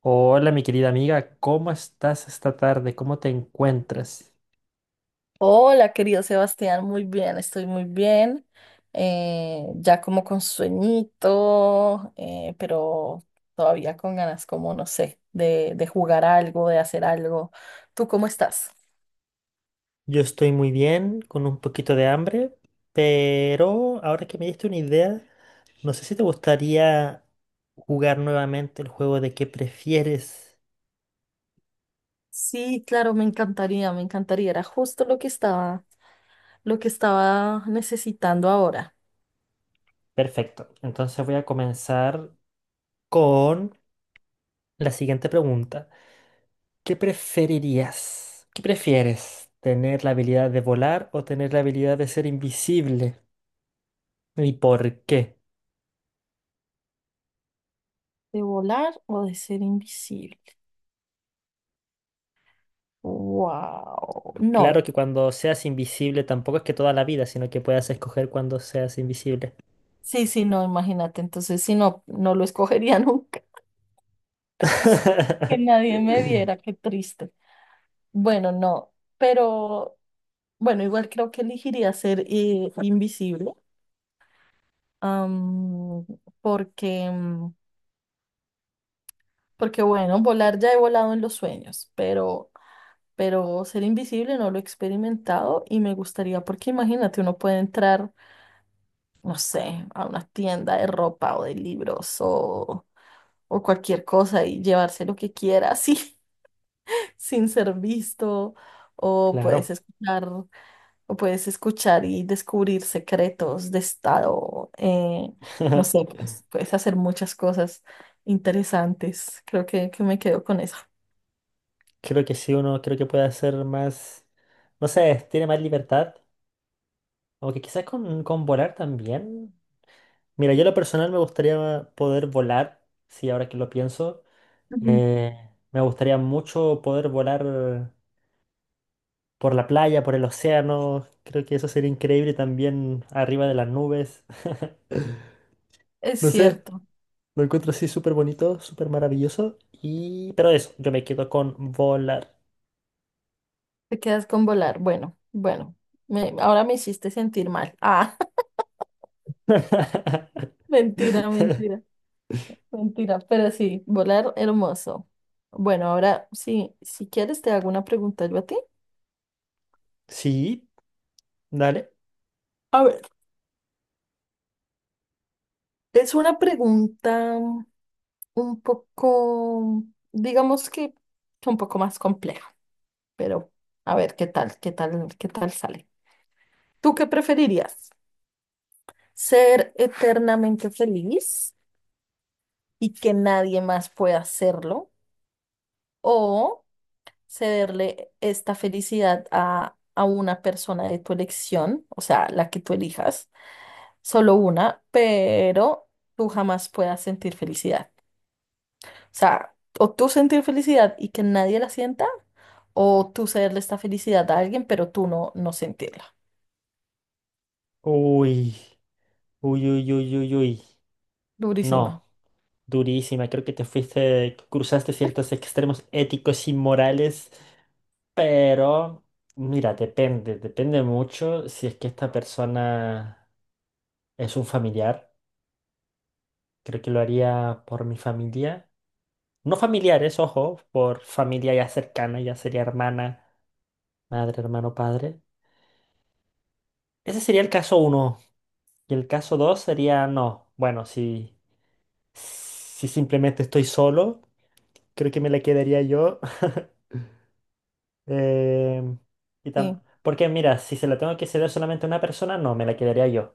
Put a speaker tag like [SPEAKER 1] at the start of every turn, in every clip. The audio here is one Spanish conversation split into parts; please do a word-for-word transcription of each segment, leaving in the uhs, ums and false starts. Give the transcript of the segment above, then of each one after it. [SPEAKER 1] Hola, mi querida amiga, ¿cómo estás esta tarde? ¿Cómo te encuentras?
[SPEAKER 2] Hola, querido Sebastián, muy bien, estoy muy bien. Eh, ya como con sueñito, eh, pero todavía con ganas, como no sé, de, de jugar algo, de hacer algo. ¿Tú cómo estás?
[SPEAKER 1] Yo estoy muy bien, con un poquito de hambre, pero ahora que me diste una idea, no sé si te gustaría jugar nuevamente el juego de qué prefieres.
[SPEAKER 2] Sí, claro, me encantaría, me encantaría. Era justo lo que estaba, lo que estaba necesitando ahora.
[SPEAKER 1] Perfecto, entonces voy a comenzar con la siguiente pregunta. ¿Qué preferirías? ¿Qué prefieres? ¿Tener la habilidad de volar o tener la habilidad de ser invisible? ¿Y por qué?
[SPEAKER 2] ¿De volar o de ser invisible? Wow.
[SPEAKER 1] Claro
[SPEAKER 2] No.
[SPEAKER 1] que cuando seas invisible tampoco es que toda la vida, sino que puedas escoger cuando seas invisible.
[SPEAKER 2] Sí, sí, no, imagínate. Entonces, si no, no lo escogería nunca. Que nadie me viera, qué triste. Bueno, no, pero bueno, igual creo que elegiría ser eh, invisible, am, porque, mm, porque bueno, volar ya he volado en los sueños, pero, pero ser invisible no lo he experimentado y me gustaría, porque imagínate, uno puede entrar, no sé, a una tienda de ropa o de libros o, o cualquier cosa y llevarse lo que quiera, así. Sin ser visto, o puedes
[SPEAKER 1] Claro.
[SPEAKER 2] escuchar, o puedes escuchar y descubrir secretos de estado, eh, no sé, pues, puedes hacer muchas cosas interesantes. Creo que, que me quedo con eso.
[SPEAKER 1] Creo que sí, uno creo que puede hacer más, no sé, tiene más libertad. Aunque quizás con, con volar también. Mira, yo en lo personal me gustaría poder volar, sí, ahora que lo pienso.
[SPEAKER 2] Ujú.
[SPEAKER 1] Eh, Me gustaría mucho poder volar por la playa, por el océano. Creo que eso sería increíble también arriba de las nubes.
[SPEAKER 2] Es
[SPEAKER 1] No sé.
[SPEAKER 2] cierto,
[SPEAKER 1] Lo encuentro así súper bonito, súper maravilloso. Y... Pero eso, yo me quedo con volar.
[SPEAKER 2] te quedas con volar. Bueno, bueno, me- ahora me hiciste sentir mal. Ah, mentira, mentira, mentira, pero sí, volar hermoso. Bueno, ahora sí, si quieres te hago una pregunta yo a ti.
[SPEAKER 1] Sí, dale.
[SPEAKER 2] A ver. Es una pregunta un poco, digamos que un poco más compleja, pero a ver qué tal, qué tal, qué tal sale. ¿Tú qué preferirías? ¿Ser eternamente feliz y que nadie más pueda hacerlo? ¿O cederle esta felicidad a, a una persona de tu elección, o sea, la que tú elijas, solo una, pero tú jamás puedas sentir felicidad? Sea, o tú sentir felicidad y que nadie la sienta, o tú cederle esta felicidad a alguien, pero tú no, no sentirla.
[SPEAKER 1] Uy, uy, uy, uy, uy, uy.
[SPEAKER 2] Durísima.
[SPEAKER 1] No, durísima. Creo que te fuiste, cruzaste ciertos extremos éticos y morales. Pero, mira, depende, depende mucho si es que esta persona es un familiar. Creo que lo haría por mi familia. No familiares, ojo, por familia ya cercana, ya sería hermana, madre, hermano, padre. Ese sería el caso uno. Y el caso dos sería, no, bueno, si, si simplemente estoy solo, creo que me la quedaría yo. Em, y tam-
[SPEAKER 2] Sí.
[SPEAKER 1] porque mira, si se la tengo que ceder solamente a una persona, no, me la quedaría yo.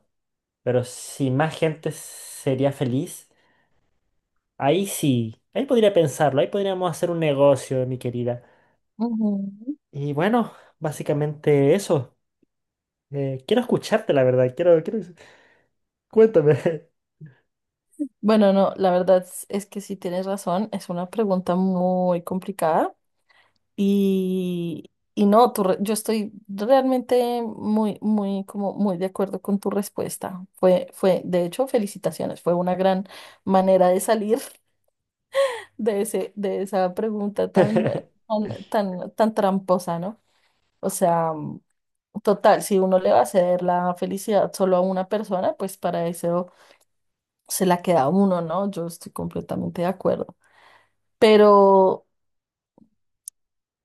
[SPEAKER 1] Pero si más gente sería feliz, ahí sí, ahí podría pensarlo, ahí podríamos hacer un negocio, mi querida.
[SPEAKER 2] Ujú.
[SPEAKER 1] Y bueno, básicamente eso. Eh, quiero escucharte, la verdad. Quiero, quiero... Cuéntame.
[SPEAKER 2] Bueno, no, la verdad es, es que sí tienes razón, es una pregunta muy complicada y, y no, tu re- yo estoy realmente muy, muy, como muy de acuerdo con tu respuesta. Fue, fue, de hecho, felicitaciones, fue una gran manera de salir de ese, de esa pregunta tan, tan, tan, tan tramposa, ¿no? O sea, mm, total, si uno le va a ceder la felicidad solo a una persona, pues para eso se la queda a uno, ¿no? Yo estoy completamente de acuerdo. Pero,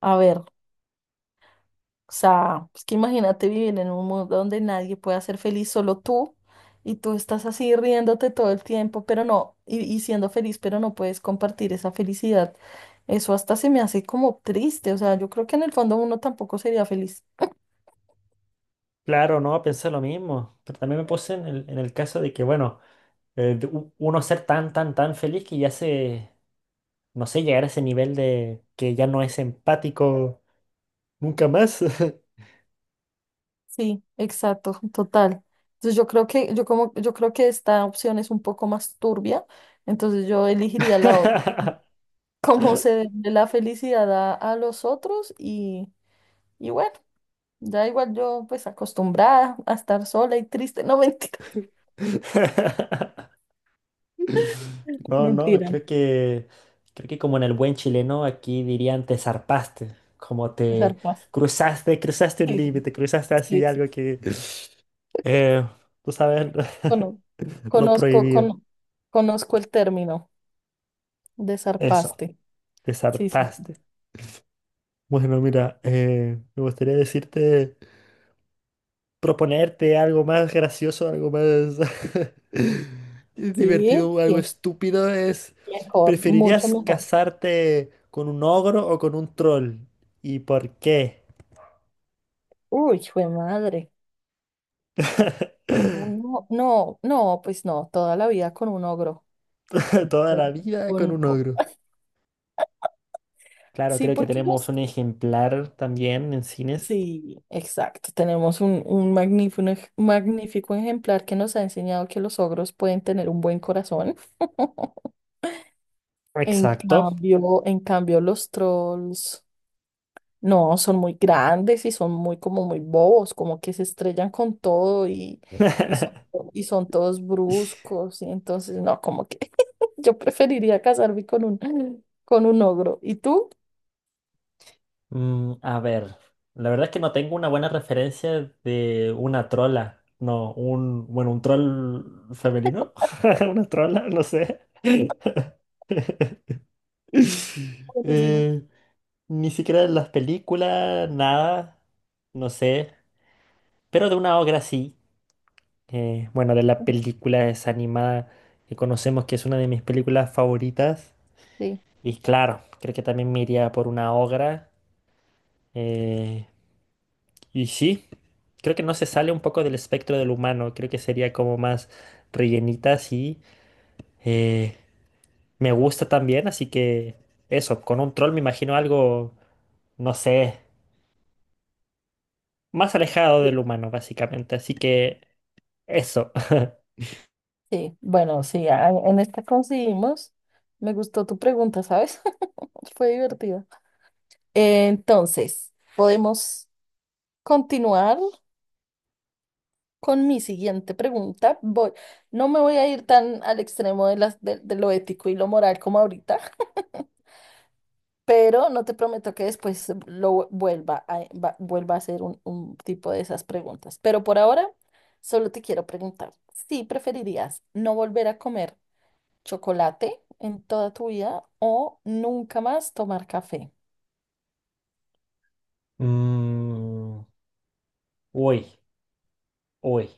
[SPEAKER 2] a ver. O sea, es que imagínate vivir en un mundo donde nadie pueda ser feliz, solo tú, y tú estás así riéndote todo el tiempo, pero no, y, y siendo feliz, pero no puedes compartir esa felicidad. Eso hasta se me hace como triste, o sea, yo creo que en el fondo uno tampoco sería feliz.
[SPEAKER 1] Claro, no, pensé lo mismo, pero también me puse en el, en el caso de que, bueno, eh, de u- uno ser tan, tan, tan feliz que ya se, no sé, llegar a ese nivel de que ya no es empático nunca más.
[SPEAKER 2] Sí, exacto, total. Entonces yo creo que, yo como, yo creo que esta opción es un poco más turbia, entonces yo elegiría la otra. Cómo se de la felicidad a, a los otros y, y bueno. Ya igual yo, pues acostumbrada a estar sola y triste. No, mentira.
[SPEAKER 1] No, no,
[SPEAKER 2] Mentira.
[SPEAKER 1] creo que, creo que como en el buen chileno aquí dirían te zarpaste, como te
[SPEAKER 2] Estar paz.
[SPEAKER 1] cruzaste, cruzaste un
[SPEAKER 2] Sí, sí,
[SPEAKER 1] límite, cruzaste
[SPEAKER 2] sí.
[SPEAKER 1] así
[SPEAKER 2] Sí.
[SPEAKER 1] algo que. Eh, Tú sabes
[SPEAKER 2] Cono-
[SPEAKER 1] lo
[SPEAKER 2] Conozco,
[SPEAKER 1] prohibido.
[SPEAKER 2] cono- conozco el término,
[SPEAKER 1] Eso,
[SPEAKER 2] desarpaste.
[SPEAKER 1] te
[SPEAKER 2] Sí, sí, sí.
[SPEAKER 1] zarpaste. Bueno, mira, eh, me gustaría decirte, proponerte algo más gracioso, algo más
[SPEAKER 2] Sí,
[SPEAKER 1] divertido, algo
[SPEAKER 2] sí.
[SPEAKER 1] estúpido es,
[SPEAKER 2] Mejor, mucho
[SPEAKER 1] ¿preferirías
[SPEAKER 2] mejor.
[SPEAKER 1] casarte con un ogro o con un troll? ¿Y por qué?
[SPEAKER 2] Uy, fue madre. No, no, no, no, pues no, toda la vida con un ogro.
[SPEAKER 1] Toda la vida con
[SPEAKER 2] Con-
[SPEAKER 1] un
[SPEAKER 2] con-
[SPEAKER 1] ogro. Claro,
[SPEAKER 2] sí,
[SPEAKER 1] creo que
[SPEAKER 2] porque
[SPEAKER 1] tenemos
[SPEAKER 2] los
[SPEAKER 1] un ejemplar también en cines.
[SPEAKER 2] sí, exacto. Tenemos un, un magnífico, un ej- magnífico ejemplar que nos ha enseñado que los ogros pueden tener un buen corazón. En
[SPEAKER 1] Exacto.
[SPEAKER 2] cambio, en cambio, los trolls no son muy grandes y son muy como muy bobos, como que se estrellan con todo y, y son, to- y son todos bruscos. Y entonces, no, como que yo preferiría casarme con un, con un ogro. ¿Y tú?
[SPEAKER 1] Mm, a ver, la verdad es que no tengo una buena referencia de una trola. No, un, bueno, un troll femenino. Una trola, no sé.
[SPEAKER 2] Buenísimo.
[SPEAKER 1] Eh, Ni siquiera en las películas, nada, no sé. Pero de una obra sí. Eh, bueno, de la película esa animada que conocemos que es una de mis películas favoritas.
[SPEAKER 2] Sí.
[SPEAKER 1] Y claro, creo que también me iría por una obra. eh, Y sí, creo que no se sale un poco del espectro del humano, creo que sería como más rellenita, sí. Eh, Me gusta también, así que eso, con un troll me imagino algo, no sé, más alejado del humano, básicamente. Así que eso.
[SPEAKER 2] Sí, bueno, sí, a- en esta conseguimos. Me gustó tu pregunta, ¿sabes? Fue divertida. Entonces, podemos continuar con mi siguiente pregunta. Voy, no me voy a ir tan al extremo de, las, de, de lo ético y lo moral como ahorita, pero no te prometo que después lo vuelva a, va- vuelva a hacer un, un tipo de esas preguntas. Pero por ahora, solo te quiero preguntar, si preferirías no volver a comer chocolate en toda tu vida o nunca más tomar café.
[SPEAKER 1] Mm, uy, uy,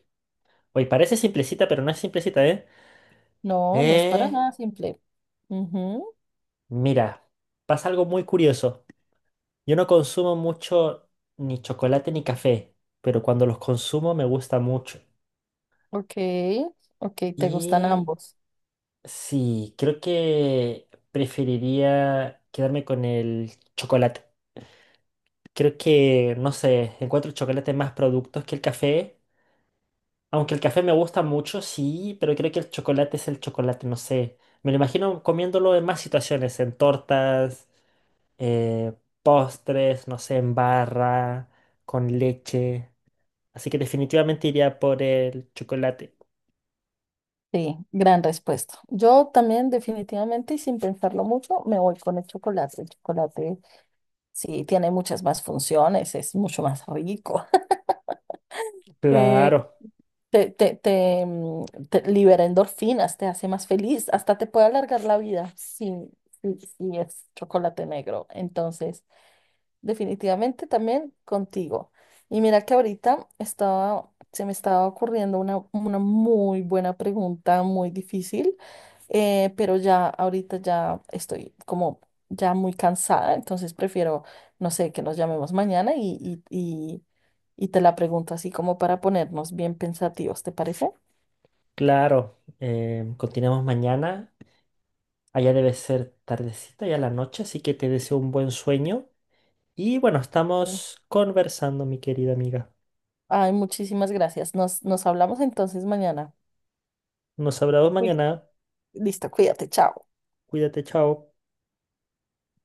[SPEAKER 1] uy, parece simplecita, pero no es simplecita, ¿eh?
[SPEAKER 2] No, no es para
[SPEAKER 1] Eh,
[SPEAKER 2] nada simple. Ujú,
[SPEAKER 1] Mira, pasa algo muy curioso. Yo no consumo mucho ni chocolate ni café, pero cuando los consumo me gusta mucho.
[SPEAKER 2] ok, ok, te gustan
[SPEAKER 1] Y
[SPEAKER 2] ambos.
[SPEAKER 1] sí, creo que preferiría quedarme con el chocolate. Creo que, no sé, encuentro el chocolate más productos que el café. Aunque el café me gusta mucho, sí, pero creo que el chocolate es el chocolate, no sé. Me lo imagino comiéndolo en más situaciones, en tortas, eh, postres, no sé, en barra, con leche. Así que definitivamente iría por el chocolate.
[SPEAKER 2] Sí, gran respuesta. Yo también definitivamente y sin pensarlo mucho me voy con el chocolate. El chocolate sí tiene muchas más funciones, es mucho más rico. Eh,
[SPEAKER 1] Claro,
[SPEAKER 2] te, te, te, mm, te libera endorfinas, te hace más feliz, hasta te puede alargar la vida si, si, si es chocolate negro. Entonces, definitivamente también contigo. Y mira que ahorita estaba, se me estaba ocurriendo una, una muy buena pregunta, muy difícil, eh, pero ya ahorita ya estoy como ya muy cansada, entonces prefiero, no sé, que nos llamemos mañana y, y, y, y te la pregunto así como para ponernos bien pensativos, ¿te parece?
[SPEAKER 1] claro. Em, continuamos mañana. Allá debe ser tardecita ya la noche, así que te deseo un buen sueño. Y bueno, estamos conversando, mi querida amiga.
[SPEAKER 2] Ay, muchísimas gracias. Nos, nos hablamos entonces mañana.
[SPEAKER 1] Nos hablamos
[SPEAKER 2] Sí.
[SPEAKER 1] mañana.
[SPEAKER 2] Listo, cuídate, chao.
[SPEAKER 1] Cuídate, chao.